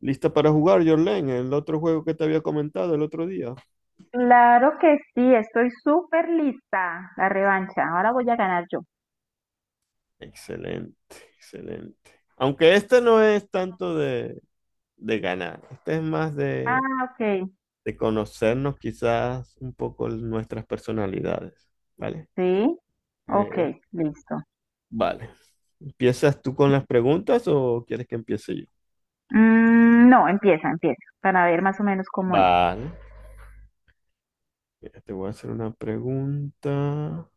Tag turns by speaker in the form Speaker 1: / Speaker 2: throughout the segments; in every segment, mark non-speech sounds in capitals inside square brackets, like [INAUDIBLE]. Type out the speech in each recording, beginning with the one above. Speaker 1: ¿Lista para jugar, Jorlen? El otro juego que te había comentado el otro día.
Speaker 2: Claro que sí, estoy súper lista. La revancha. Ahora voy a ganar yo.
Speaker 1: Excelente, excelente. Aunque este no es tanto de ganar, este es más
Speaker 2: Ah, ok.
Speaker 1: de conocernos quizás un poco nuestras personalidades, ¿vale?
Speaker 2: Sí. Ok,
Speaker 1: Eh,
Speaker 2: listo.
Speaker 1: vale. ¿Empiezas tú con las preguntas o quieres que empiece yo?
Speaker 2: No, empieza. Para ver más o menos cómo es.
Speaker 1: Vale. Mira, te voy a hacer una pregunta.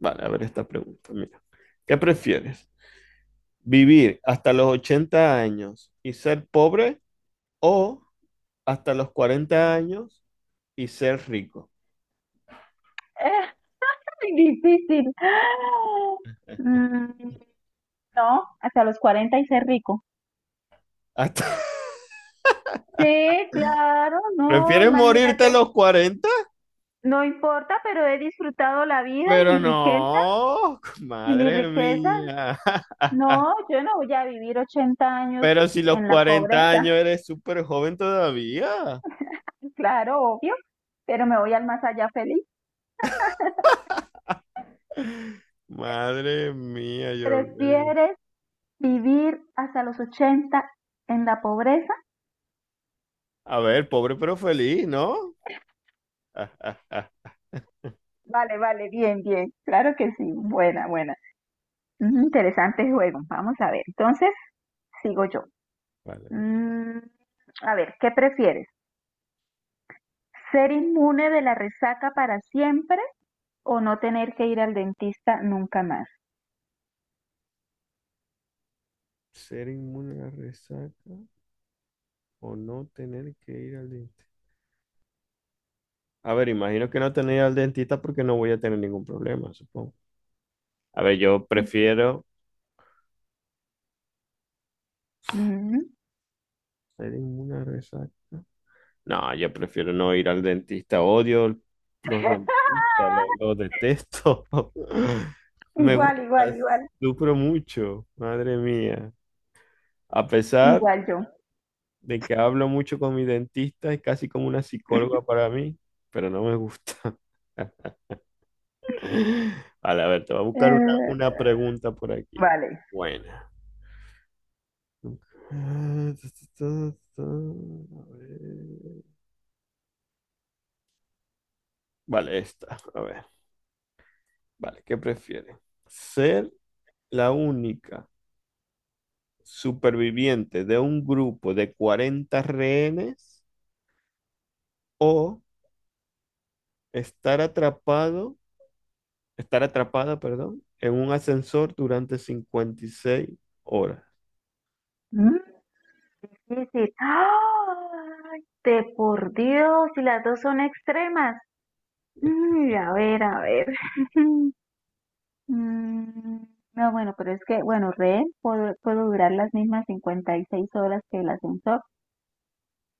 Speaker 1: Vale, a ver esta pregunta. Mira, ¿qué prefieres? ¿Vivir hasta los 80 años y ser pobre o hasta los 40 años y ser rico?
Speaker 2: [LAUGHS] Muy difícil. Mm, no, hasta los 40 y ser rico.
Speaker 1: Hasta... [LAUGHS]
Speaker 2: Sí, claro, no,
Speaker 1: ¿Prefieres morirte a
Speaker 2: imagínate.
Speaker 1: los 40?
Speaker 2: No importa, pero he disfrutado la vida y
Speaker 1: Pero
Speaker 2: mi riqueza,
Speaker 1: no,
Speaker 2: y mi
Speaker 1: madre
Speaker 2: riqueza
Speaker 1: mía.
Speaker 2: No,
Speaker 1: [LAUGHS]
Speaker 2: yo no voy a vivir 80 años
Speaker 1: Pero si los
Speaker 2: en la
Speaker 1: 40
Speaker 2: pobreza.
Speaker 1: años eres súper joven todavía.
Speaker 2: [LAUGHS] Claro, obvio, pero me voy al más allá feliz.
Speaker 1: Madre mía, Jordi.
Speaker 2: ¿Prefieres vivir hasta los 80 en la pobreza?
Speaker 1: A ver, pobre pero feliz, ¿no? [LAUGHS]
Speaker 2: Vale, vale, bien, bien, claro que sí, buena, buena. Interesante juego, vamos a ver. Entonces, sigo yo.
Speaker 1: Vale, vale.
Speaker 2: Mm, a ver, ¿qué prefieres? ¿Ser inmune de la resaca para siempre o no tener que ir al dentista nunca más?
Speaker 1: ¿Ser inmune a la resaca o no tener que ir al dentista? A ver, imagino que no tener que ir al dentista porque no voy a tener ningún problema, supongo. A ver, yo prefiero...
Speaker 2: Mm.
Speaker 1: ¿Ser inmune a resaca? No, yo prefiero no ir al dentista. Odio los dentistas,
Speaker 2: [LAUGHS]
Speaker 1: los, detesto. [LAUGHS] Me
Speaker 2: Igual, igual,
Speaker 1: gusta,
Speaker 2: igual.
Speaker 1: sufro mucho, madre mía. A pesar
Speaker 2: Igual yo.
Speaker 1: de que hablo mucho con mi dentista, es casi como una psicóloga para mí, pero no me gusta. [LAUGHS] Vale, a ver, te voy a buscar
Speaker 2: Eh,
Speaker 1: una pregunta por aquí.
Speaker 2: Vale.
Speaker 1: Buena. [LAUGHS] Ah, ta, ta, ta, ta, a ver. Vale, esta. A ver. Vale, ¿qué prefieres? ¿Ser la única superviviente de un grupo de 40 rehenes o estar atrapado, estar atrapada, perdón, en un ascensor durante 56 horas?
Speaker 2: ¿Mm? Y si, ¡ay! De por Dios, y las dos son extremas. Uy, a ver, a ver. [LAUGHS] Mm, no, bueno, pero es que, bueno, rehén, puedo durar las mismas 56 horas que el ascensor.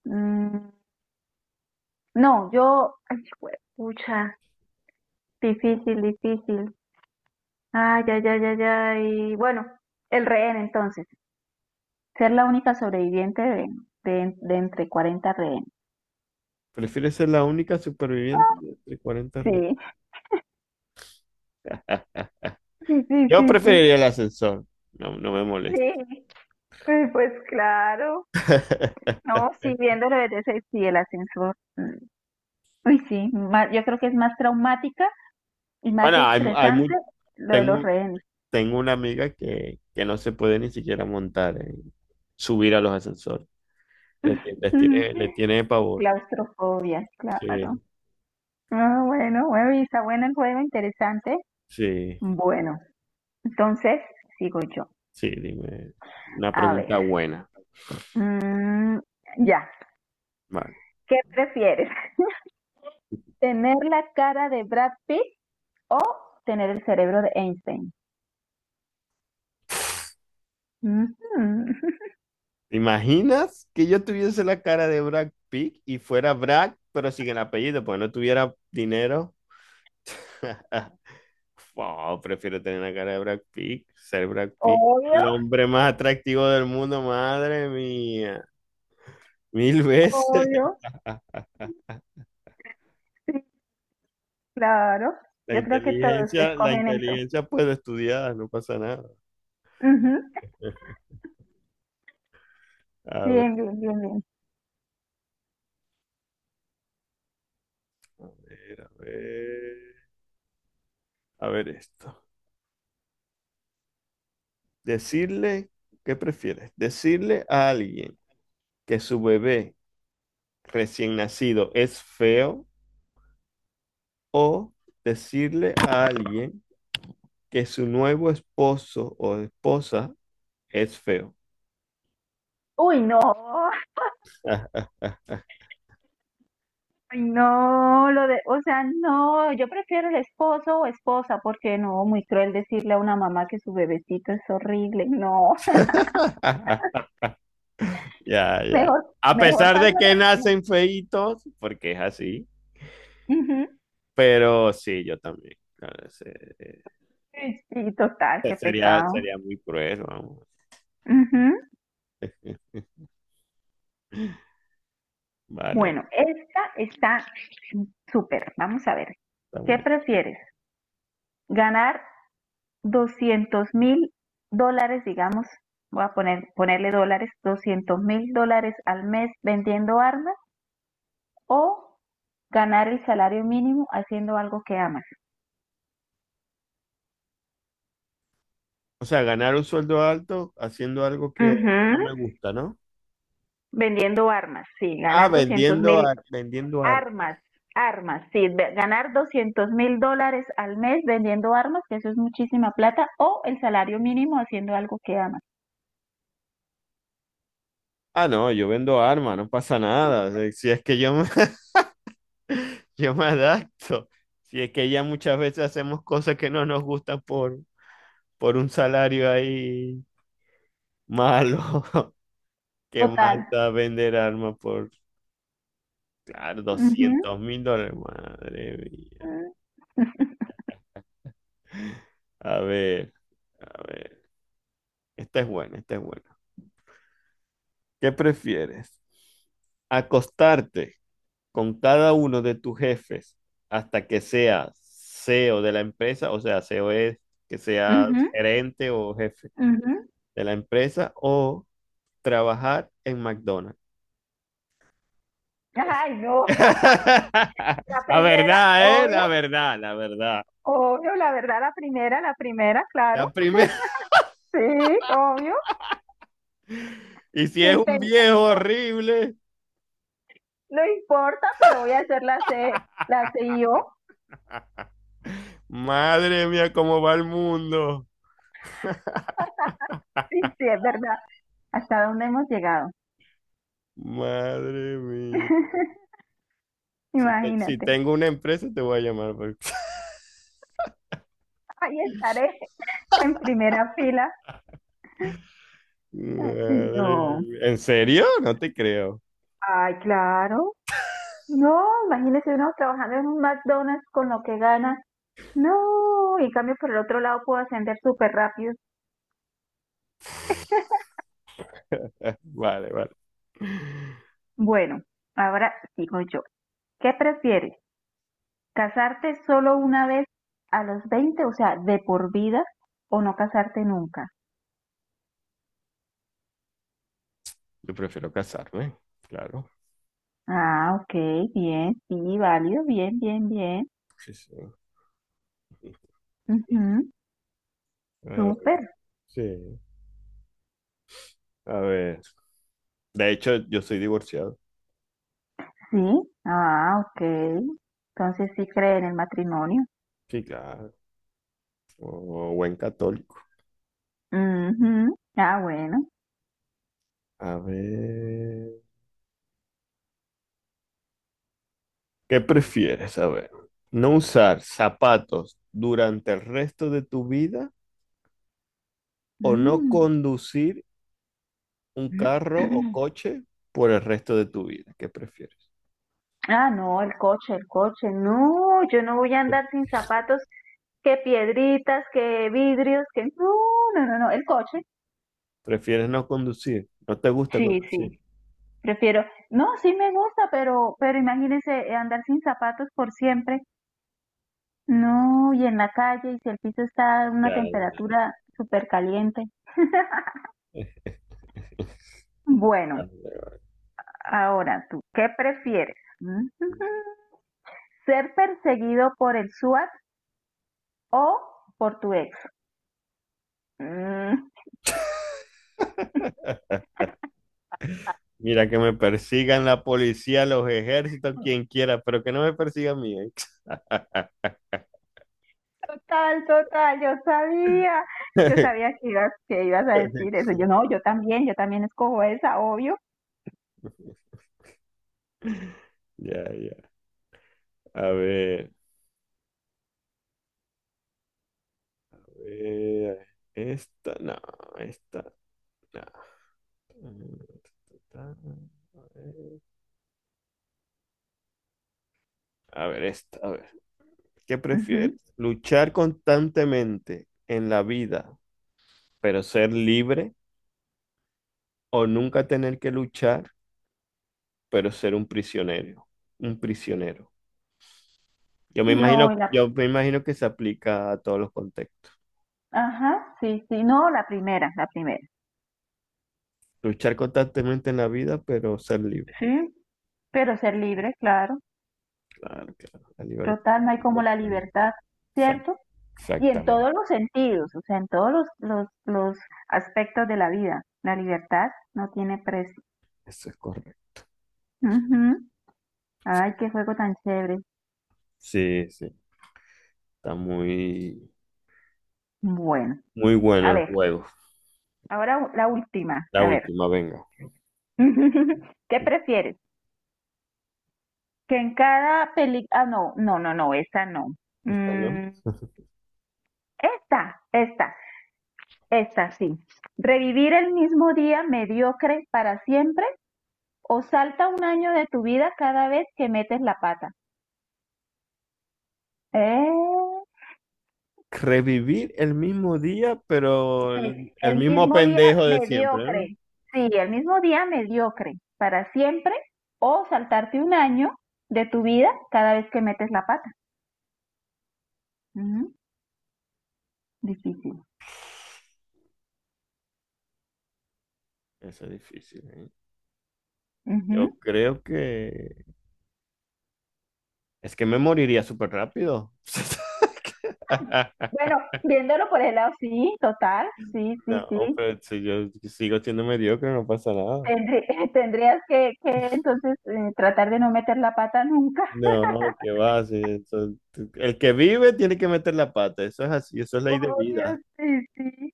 Speaker 2: Mm, no, yo, ay, pucha, difícil, difícil. Ay, ay, ay, ay, ay. Bueno, el rehén entonces. Ser la única sobreviviente de entre 40 rehenes.
Speaker 1: ¿Prefieres ser la única superviviente de 40
Speaker 2: Sí,
Speaker 1: rehenes?
Speaker 2: sí, sí,
Speaker 1: Yo
Speaker 2: sí, sí,
Speaker 1: preferiría el ascensor. No, no me molesta.
Speaker 2: sí. Pues claro.
Speaker 1: [LAUGHS]
Speaker 2: No, sí, viéndolo desde ese, sí, el ascensor. Uy, sí, yo creo que es más traumática y más
Speaker 1: Bueno,
Speaker 2: estresante lo de los
Speaker 1: tengo,
Speaker 2: rehenes.
Speaker 1: tengo una amiga que no se puede ni siquiera montar, subir a los ascensores.
Speaker 2: [LAUGHS]
Speaker 1: Le tiene pavor.
Speaker 2: Claustrofobia, claro.
Speaker 1: Sí,
Speaker 2: Ah, bueno, bueno, y está bueno el juego, interesante.
Speaker 1: sí,
Speaker 2: Bueno, entonces sigo yo.
Speaker 1: sí, dime. Una
Speaker 2: A ver,
Speaker 1: pregunta buena.
Speaker 2: mm, ya,
Speaker 1: Vale.
Speaker 2: ¿qué prefieres? ¿Tener la cara de Brad Pitt o tener el cerebro de Einstein? Ujú.
Speaker 1: ¿Te imaginas que yo tuviese la cara de Brad Pitt y fuera Brad, pero sin el apellido, porque no tuviera dinero? [LAUGHS] Wow, prefiero tener la cara de Brad Pitt, ser Brad Pitt.
Speaker 2: Obvio,
Speaker 1: El hombre más atractivo del mundo, madre mía. Mil veces.
Speaker 2: obvio. Sí, claro. Yo creo que todos
Speaker 1: La
Speaker 2: escogen eso.
Speaker 1: inteligencia puede estudiar, no pasa nada.
Speaker 2: Ujú.
Speaker 1: [LAUGHS] A
Speaker 2: Bien,
Speaker 1: ver,
Speaker 2: bien, bien, bien.
Speaker 1: a ver, a ver, a ver esto. Decirle, ¿Qué prefieres? Decirle a alguien que su bebé recién nacido es feo o decirle a alguien que su nuevo esposo o esposa es feo.
Speaker 2: Uy, no.
Speaker 1: [LAUGHS]
Speaker 2: Ay, no, lo de, o sea, no, yo prefiero el esposo o esposa, porque no, muy cruel decirle a una mamá que su bebecito es horrible. No,
Speaker 1: Ya,
Speaker 2: [LAUGHS]
Speaker 1: ya.
Speaker 2: mejor,
Speaker 1: A
Speaker 2: mejor
Speaker 1: pesar de
Speaker 2: paso
Speaker 1: que
Speaker 2: la pena.
Speaker 1: nacen feitos, porque es así.
Speaker 2: Ujú.
Speaker 1: Pero sí, yo también. Claro,
Speaker 2: Sí, sí, total, qué pecado.
Speaker 1: sería muy cruel, vamos. [LAUGHS] Vale,
Speaker 2: Bueno, esta está súper. Vamos a ver.
Speaker 1: está
Speaker 2: ¿Qué
Speaker 1: bueno.
Speaker 2: prefieres? ¿Ganar $200.000, digamos? Voy a ponerle dólares, $200.000 al mes vendiendo armas o ganar el salario mínimo haciendo algo que amas.
Speaker 1: O sea, ganar un sueldo alto haciendo algo que
Speaker 2: Ujú.
Speaker 1: no me gusta, ¿no?
Speaker 2: Vendiendo armas, sí,
Speaker 1: Ah,
Speaker 2: ganar doscientos mil
Speaker 1: vendiendo armas.
Speaker 2: armas, armas, sí, ganar $200.000 al mes vendiendo armas, que eso es muchísima plata, o el salario mínimo haciendo algo que amas.
Speaker 1: Ah, no, yo vendo armas, no pasa nada. Si es que yo me, [LAUGHS] yo me adapto. Si es que ya muchas veces hacemos cosas que no nos gustan por un salario ahí malo, [LAUGHS] que
Speaker 2: Total.
Speaker 1: manda a vender armas por... Claro,
Speaker 2: Ujú,
Speaker 1: $200,000, madre mía.
Speaker 2: mm,
Speaker 1: A ver, a ver. Esta es buena, esta es buena. ¿Qué prefieres? ¿Acostarte con cada uno de tus jefes hasta que seas CEO de la empresa? O sea, CEO es que seas
Speaker 2: ujú,
Speaker 1: gerente o jefe
Speaker 2: ujú.
Speaker 1: de la empresa o trabajar en McDonald's. Es-
Speaker 2: Ay, no, [LAUGHS] la
Speaker 1: [LAUGHS] La
Speaker 2: primera,
Speaker 1: verdad, ¿eh?
Speaker 2: obvio,
Speaker 1: La verdad, la verdad.
Speaker 2: obvio, la verdad, la primera, claro,
Speaker 1: La primera. [LAUGHS]
Speaker 2: sí, obvio,
Speaker 1: Y si es
Speaker 2: sin
Speaker 1: un viejo
Speaker 2: pensarlo,
Speaker 1: horrible.
Speaker 2: no importa, pero voy a hacer la C, la CIO,
Speaker 1: Madre mía, ¿cómo va el mundo?
Speaker 2: sí, sí, es verdad, hasta dónde hemos llegado.
Speaker 1: Madre mía.
Speaker 2: [LAUGHS]
Speaker 1: Si, si
Speaker 2: Imagínate,
Speaker 1: tengo una empresa, te voy a llamar, porque...
Speaker 2: ahí estaré en primera fila.
Speaker 1: [LAUGHS]
Speaker 2: Ay,
Speaker 1: Madre
Speaker 2: no,
Speaker 1: mía. ¿En serio? No te creo.
Speaker 2: ay, claro, no, imagínese uno trabajando en un McDonald's con lo que gana. No, en cambio por el otro lado puedo ascender súper rápido.
Speaker 1: [LAUGHS] Vale, vale.
Speaker 2: Bueno, ahora sigo yo. ¿Qué prefieres? ¿Casarte solo una vez a los 20, o sea, de por vida, o no casarte nunca?
Speaker 1: Yo prefiero casarme, claro.
Speaker 2: Ah, ok, bien, sí, válido, bien, bien, bien.
Speaker 1: Sí, sí.
Speaker 2: Ujú,
Speaker 1: A ver,
Speaker 2: súper,
Speaker 1: sí. A ver. De hecho, yo soy divorciado.
Speaker 2: sí. Ah, ok. Entonces sí cree en el matrimonio.
Speaker 1: Sí, claro. O buen católico.
Speaker 2: Ujú. Ah, bueno.
Speaker 1: A ver. ¿Qué prefieres? A ver. ¿No usar zapatos durante el resto de tu vida o no
Speaker 2: Mm.
Speaker 1: conducir un carro o
Speaker 2: [CLEARS THROAT]
Speaker 1: coche por el resto de tu vida? ¿Qué prefieres?
Speaker 2: Ah, no, el coche, el coche. No, yo no voy a andar sin zapatos, que piedritas, que vidrios, que... No, no, no, no, el coche.
Speaker 1: ¿Prefieres no conducir? ¿No te gusta
Speaker 2: Sí,
Speaker 1: conducir?
Speaker 2: sí, prefiero. No, sí me gusta, pero, imagínense andar sin zapatos por siempre. No, y en la calle, y si el piso está a una
Speaker 1: Ya,
Speaker 2: temperatura súper caliente.
Speaker 1: ya. [LAUGHS]
Speaker 2: Bueno, ahora tú, ¿qué prefieres? Mm, [LAUGHS] ¿Ser perseguido por el SWAT o por tu ex? Mm.
Speaker 1: Mira, que me persigan la policía, los ejércitos, quien quiera, pero que no me persiga a mí.
Speaker 2: Total, total,
Speaker 1: ¿Eh? [LAUGHS]
Speaker 2: yo sabía que ibas a decir eso. Yo no, yo también escojo esa, obvio.
Speaker 1: Ya, ya. A ver, a ver, esta, esta, no. A ver, esta, a ver. ¿Qué prefieres?
Speaker 2: Ujú.
Speaker 1: ¿Luchar constantemente en la vida, pero ser libre? ¿O nunca tener que luchar, pero ser un prisionero? Un prisionero.
Speaker 2: No,
Speaker 1: Yo me imagino que se aplica a todos los contextos.
Speaker 2: ajá, sí, sí, no, la primera, la primera.
Speaker 1: Luchar constantemente en la vida, pero ser libre.
Speaker 2: Sí, pero ser libre, claro.
Speaker 1: Claro, claro. La libertad
Speaker 2: Total, no
Speaker 1: es
Speaker 2: hay como la
Speaker 1: importante.
Speaker 2: libertad,
Speaker 1: Exact-
Speaker 2: ¿cierto? Y en
Speaker 1: Exactamente.
Speaker 2: todos los sentidos, o sea, en todos los aspectos de la vida, la libertad no tiene precio.
Speaker 1: Eso es correcto.
Speaker 2: Ujú. Ay, qué juego tan chévere.
Speaker 1: Sí, sí. Está
Speaker 2: Bueno,
Speaker 1: muy bueno
Speaker 2: a
Speaker 1: el
Speaker 2: ver,
Speaker 1: juego.
Speaker 2: ahora la última,
Speaker 1: La
Speaker 2: a ver.
Speaker 1: última, venga.
Speaker 2: [LAUGHS] ¿Qué prefieres? Que en cada película... Ah, no, no, no, no, esa no.
Speaker 1: Esta, ¿no?
Speaker 2: Mm, esta, esta, esta sí. ¿Revivir el mismo día mediocre para siempre o salta un año de tu vida cada vez que metes la pata? Eh,
Speaker 1: Revivir el mismo día, pero
Speaker 2: el
Speaker 1: el
Speaker 2: el
Speaker 1: mismo
Speaker 2: mismo día
Speaker 1: pendejo de siempre, ¿no?
Speaker 2: mediocre. Sí, el mismo día mediocre para siempre o saltarte un año de tu vida cada vez que metes la pata. Ujú, difícil.
Speaker 1: Eso es difícil, ¿eh? Yo creo que... Es que me moriría súper rápido. [LAUGHS]
Speaker 2: Bueno, viéndolo por el lado, sí, total, sí, sí,
Speaker 1: No,
Speaker 2: sí.
Speaker 1: pero si yo sigo siendo mediocre, no pasa nada.
Speaker 2: Tendrí- [LAUGHS] tendrías que entonces tratar de no meter la pata nunca.
Speaker 1: No, qué va. Sí, el que vive tiene que meter la pata. Eso es así, eso es
Speaker 2: [LAUGHS]
Speaker 1: ley de
Speaker 2: Obvio,
Speaker 1: vida.
Speaker 2: sí, sí.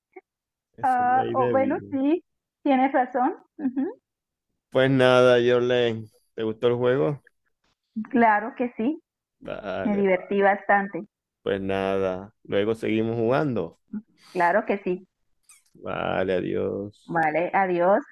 Speaker 1: Eso es
Speaker 2: Ah,
Speaker 1: ley
Speaker 2: o
Speaker 1: de
Speaker 2: bueno,
Speaker 1: vida.
Speaker 2: sí, tienes razón. Ujú,
Speaker 1: Pues nada, Jorlen, ¿te gustó el juego?
Speaker 2: claro que sí, me
Speaker 1: Vale,
Speaker 2: divertí bastante.
Speaker 1: pues nada. Luego seguimos jugando.
Speaker 2: Claro que sí.
Speaker 1: Vale, adiós.
Speaker 2: Vale, adiós.